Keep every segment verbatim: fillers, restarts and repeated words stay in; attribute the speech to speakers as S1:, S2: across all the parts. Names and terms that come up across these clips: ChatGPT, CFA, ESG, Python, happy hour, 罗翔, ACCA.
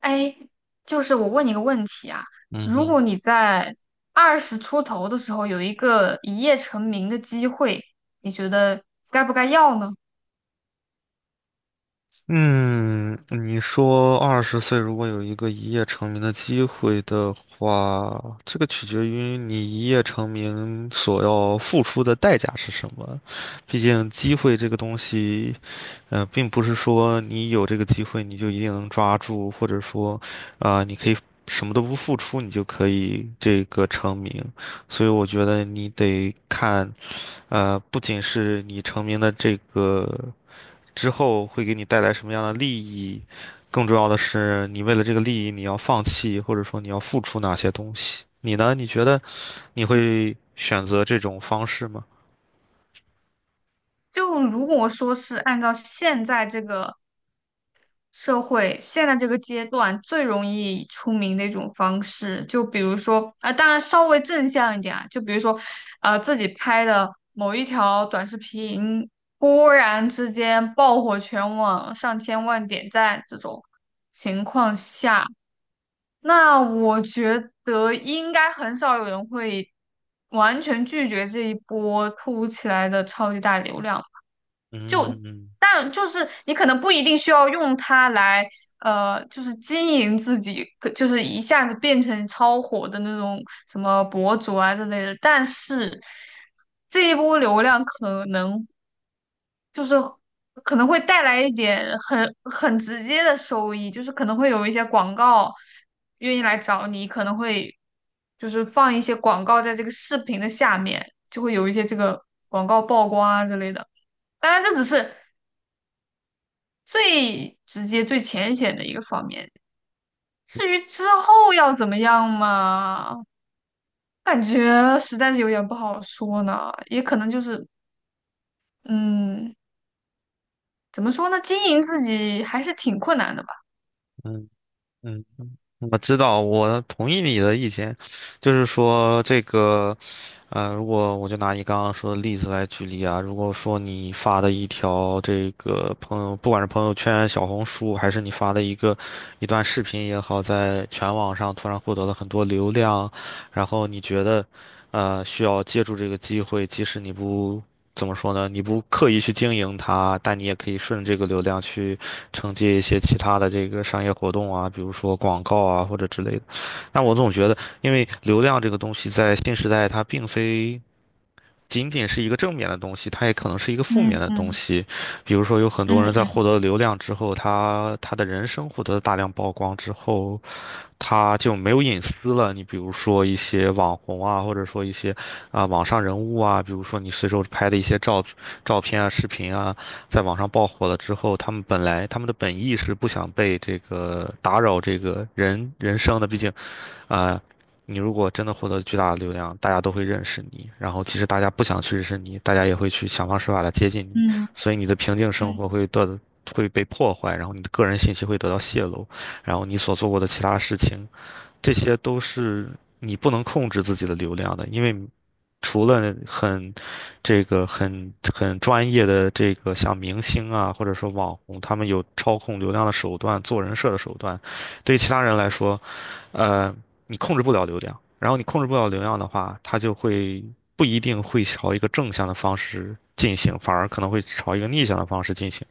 S1: 哎，就是我问你个问题啊，
S2: 嗯
S1: 如
S2: 哼。
S1: 果你在二十出头的时候有一个一夜成名的机会，你觉得该不该要呢？
S2: 嗯，你说二十岁如果有一个一夜成名的机会的话，这个取决于你一夜成名所要付出的代价是什么。毕竟机会这个东西，呃，并不是说你有这个机会你就一定能抓住，或者说，啊、你可以什么都不付出你就可以这个成名。所以我觉得你得看，呃，不仅是你成名的这个。之后会给你带来什么样的利益，更重要的是，你为了这个利益，你要放弃或者说你要付出哪些东西。你呢？你觉得你会选择这种方式吗？
S1: 就如果说是按照现在这个社会现在这个阶段最容易出名的一种方式，就比如说，啊、当然稍微正向一点啊，就比如说，呃，自己拍的某一条短视频，忽然之间爆火全网，上千万点赞这种情况下，那我觉得应该很少有人会完全拒绝这一波突如其来的超级大流量。
S2: 嗯
S1: 但就是你可能不一定需要用它来，呃，就是经营自己，可就是一下子变成超火的那种什么博主啊之类的。但是这一波流量可能就是可能会带来一点很很直接的收益，就是可能会有一些广告愿意来找你，可能会就是放一些广告在这个视频的下面，就会有一些这个广告曝光啊之类的。当然，这只是最直接、最浅显的一个方面。至于之后要怎么样嘛，感觉实在是有点不好说呢。也可能就是，嗯，怎么说呢？经营自己还是挺困难的吧。
S2: 嗯。嗯，我知道，我同意你的意见，就是说这个。呃，如果我就拿你刚刚说的例子来举例啊，如果说你发的一条这个朋友，不管是朋友圈、小红书，还是你发的一个一段视频也好，在全网上突然获得了很多流量，然后你觉得，呃，需要借助这个机会，即使你不怎么说呢，你不刻意去经营它，但你也可以顺着这个流量去承接一些其他的这个商业活动啊，比如说广告啊或者之类的。但我总觉得。因为流量这个东西在新时代，它并非仅仅是一个正面的东西，它也可能是一个负面
S1: 嗯
S2: 的东
S1: 嗯
S2: 西。比如说，有很多人在
S1: 嗯
S2: 获得流量之后，他他的人生获得了大量曝光之后，他就没有隐私了。你比如说一些网红啊，或者说一些啊、网上人物啊，比如说你随手拍的一些照照片啊、视频啊，在网上爆火了之后，他们本来他们的本意是不想被这个打扰这个人人生的，毕竟。啊、你如果真的获得巨大的流量，大家都会认识你，然后其实大家不想去认识你，大家也会去想方设法的接近你，
S1: 嗯
S2: 所以你的平静生
S1: 嗯
S2: 活会得会被破坏，然后你的个人信息会得到泄露，然后你所做过的其他事情，这些都是你不能控制自己的流量的，因为除了很这个很很专业的这个像明星啊，或者说网红，他们有操控流量的手段、做人设的手段，对于其他人来说。呃，你控制不了流量，然后你控制不了流量的话，它就会不一定会朝一个正向的方式进行，反而可能会朝一个逆向的方式进行。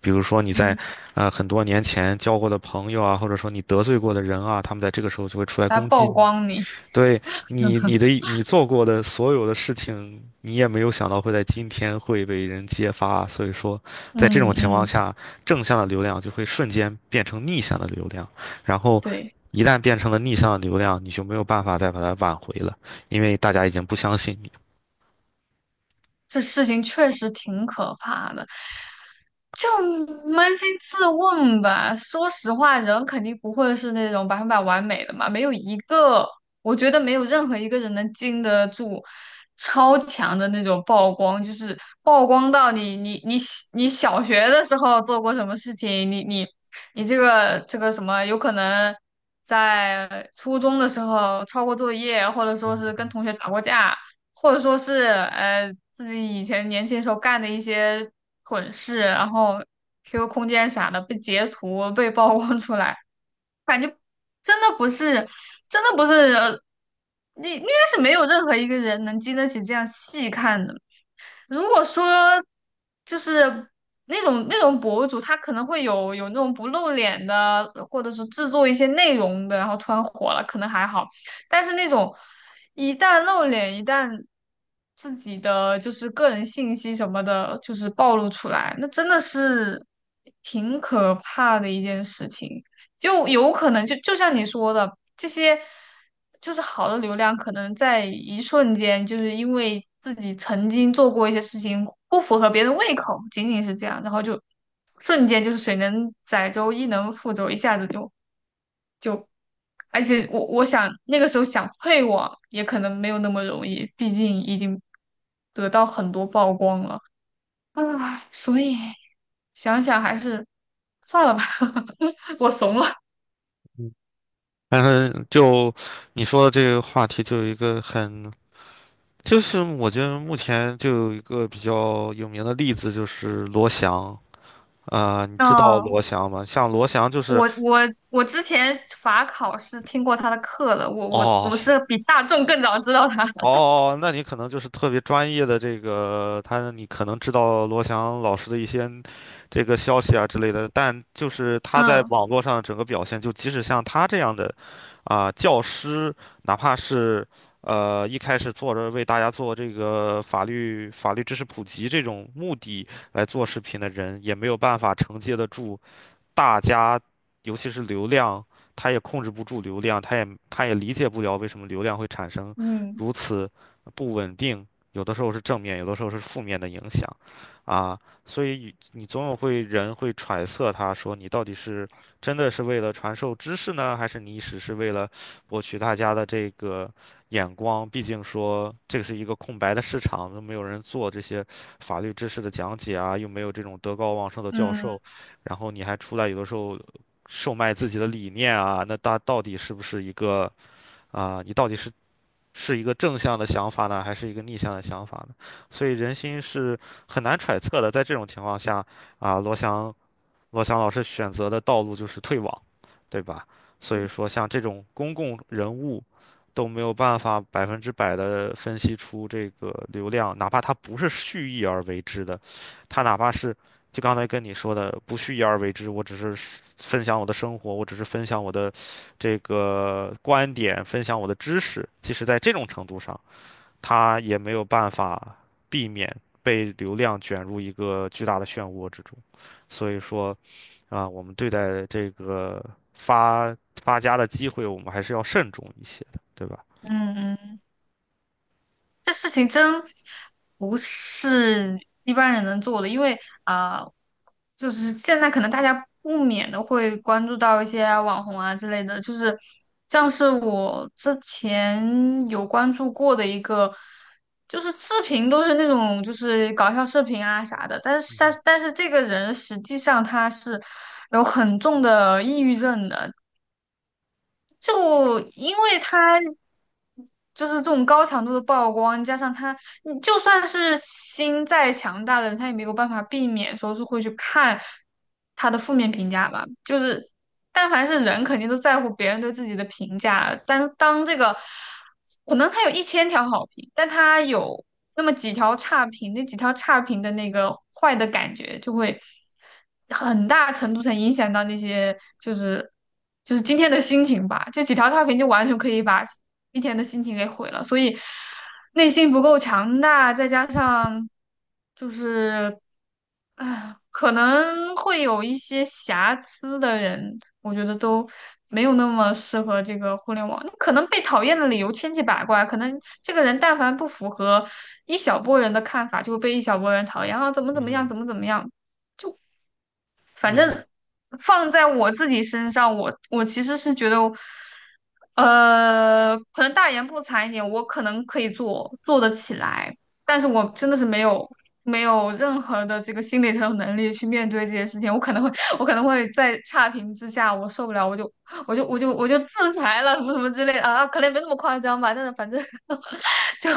S2: 比如说你
S1: 嗯，
S2: 在
S1: 嗯
S2: 呃很多年前交过的朋友啊，或者说你得罪过的人啊，他们在这个时候就会出来
S1: 来
S2: 攻
S1: 曝
S2: 击
S1: 光你。
S2: 对你，你的你做过的所有的事情，你也没有想到会在今天会被人揭发啊，所以说，在这种
S1: 嗯
S2: 情况
S1: 嗯，
S2: 下，正向的流量就会瞬间变成逆向的流量，然后
S1: 对，
S2: 一旦变成了逆向的流量，你就没有办法再把它挽回了，因为大家已经不相信你。
S1: 这事情确实挺可怕的。就扪心自问吧，说实话，人肯定不会是那种百分百完美的嘛，没有一个，我觉得没有任何一个人能经得住超强的那种曝光，就是曝光到你你你你小学的时候做过什么事情，你你你这个这个什么，有可能在初中的时候抄过作业，或者说是跟
S2: 嗯
S1: 同学打过架，或者说是呃自己以前年轻时候干的一些蠢事，然后 Q Q 空间啥的被截图被曝光出来，感觉真的不是，真的不是，呃你应该是没有任何一个人能经得起这样细看的。如果说就是那种那种博主，他可能会有有那种不露脸的，或者是制作一些内容的，然后突然火了，可能还好。但是那种一旦露脸，一旦自己的就是个人信息什么的，就是暴露出来，那真的是挺可怕的一件事情。就有可能就就像你说的，这些就是好的流量，可能在一瞬间，就是因为自己曾经做过一些事情不符合别人胃口，仅仅是这样，然后就瞬间就是水能载舟，亦能覆舟，一下子就。而且我我想那个时候想退网也可能没有那么容易，毕竟已经得到很多曝光了啊，所以想想还是算了吧，我怂了。
S2: 嗯。但是就你说的这个话题，就有一个很，就是我觉得目前就有一个比较有名的例子，就是罗翔。啊、你知道
S1: 嗯。
S2: 罗翔吗？像罗翔就是
S1: 我我我之前法考是听过他的课的，我我我
S2: 哦。
S1: 是比大众更早知道他。
S2: 哦，哦那你可能就是特别专业的这个，他你可能知道罗翔老师的一些这个消息啊之类的，但就是他在
S1: 嗯
S2: 网络上整个表现，就即使像他这样的啊、教师，哪怕是呃一开始做着为大家做这个法律法律知识普及这种目的来做视频的人，也没有办法承接得住。大家，尤其是流量，他也控制不住流量，他也他也理解不了为什么流量会产生
S1: 嗯
S2: 如此不稳定，有的时候是正面，有的时候是负面的影响，啊，所以你总有会人会揣测他说你到底是真的是为了传授知识呢，还是你只是为了博取大家的这个眼光？毕竟说这个是一个空白的市场，都没有人做这些法律知识的讲解啊，又没有这种德高望重的教
S1: 嗯
S2: 授。然后你还出来有的时候售卖自己的理念啊，那大到底是不是一个啊、你到底是是一个正向的想法呢，还是一个逆向的想法呢？所以人心是很难揣测的。在这种情况下，啊、罗翔罗翔老师选择的道路就是退网，对吧？所以说，像这种公共人物都没有办法百分之百的分析出这个流量，哪怕他不是蓄意而为之的，他哪怕是就刚才跟你说的不蓄意而为之，我只是分享我的生活，我只是分享我的这个观点，分享我的知识，即使在这种程度上，他也没有办法避免被流量卷入一个巨大的漩涡之中。所以说。啊，我们对待这个发发家的机会，我们还是要慎重一些的，对吧？
S1: 嗯嗯。这事情真不是一般人能做的，因为啊、就是现在可能大家不免的会关注到一些网红啊之类的，就是像是我之前有关注过的一个，就是视频都是那种就是搞笑视频啊啥的，但是
S2: 嗯
S1: 但
S2: 哼。
S1: 是但是这个人实际上他是有很重的抑郁症的。就因为他就是这种高强度的曝光，加上他，你就算是心再强大的人，他也没有办法避免说是会去看他的负面评价吧。就是，但凡是人，肯定都在乎别人对自己的评价。但当这个，可能他有一千条好评，但他有那么几条差评，那几条差评的那个坏的感觉就会。很大程度上影响到那些就是就是今天的心情吧。就几条差评就完全可以把一天的心情给毁了。所以内心不够强大，再加上就是啊，可能会有一些瑕疵的人，我觉得都没有那么适合这个互联网。那可能被讨厌的理由千奇百怪，可能这个人但凡不符合一小波人的看法，就会被一小波人讨厌啊，怎么怎么样，
S2: 嗯哼。
S1: 怎么怎么样。反
S2: 嗯哼。
S1: 正放在我自己身上，我我其实是觉得，呃，可能大言不惭一点，我可能可以做做得起来，但是我真的是没有没有任何的这个心理承受能力去面对这些事情，我可能会我可能会在差评之下我受不了，我就我就我就我就自裁了，什么什么之类的啊，可能没那么夸张吧，但是反正 就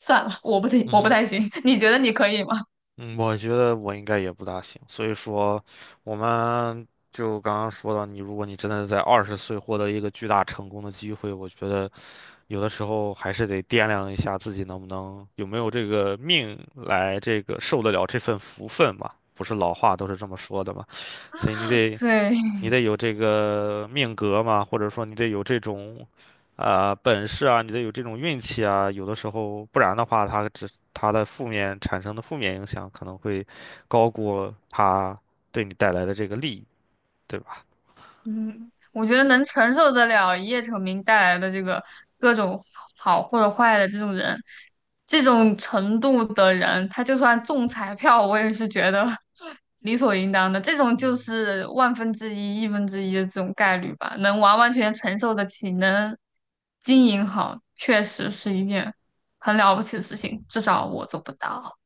S1: 算了，我不行，
S2: 嗯
S1: 我不
S2: 哼。
S1: 太行，你觉得你可以吗？
S2: 嗯，我觉得我应该也不大行，所以说，我们就刚刚说到你，如果你真的在二十岁获得一个巨大成功的机会，我觉得有的时候还是得掂量一下自己能不能有没有这个命来这个受得了这份福分吧。不是老话都是这么说的嘛，所以你得
S1: 对。
S2: 你得有这个命格嘛，或者说你得有这种啊、本事啊，你得有这种运气啊。有的时候，不然的话，它只它的负面产生的负面影响可能会高过它对你带来的这个利益，对吧？
S1: 嗯，我觉得能承受得了一夜成名带来的这个各种好或者坏的这种人，这种程度的人，他就算中彩票，我也是觉得 理所应当的。这种就
S2: 嗯。
S1: 是万分之一、亿分之一的这种概率吧，能完完全全承受得起，能经营好，确实是一件很了不起的事情，至少
S2: 嗯哼。
S1: 我做不到。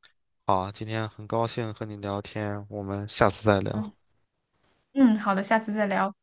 S2: 好，今天很高兴和你聊天，我们下次再
S1: 嗯
S2: 聊。
S1: 嗯，好的，下次再聊。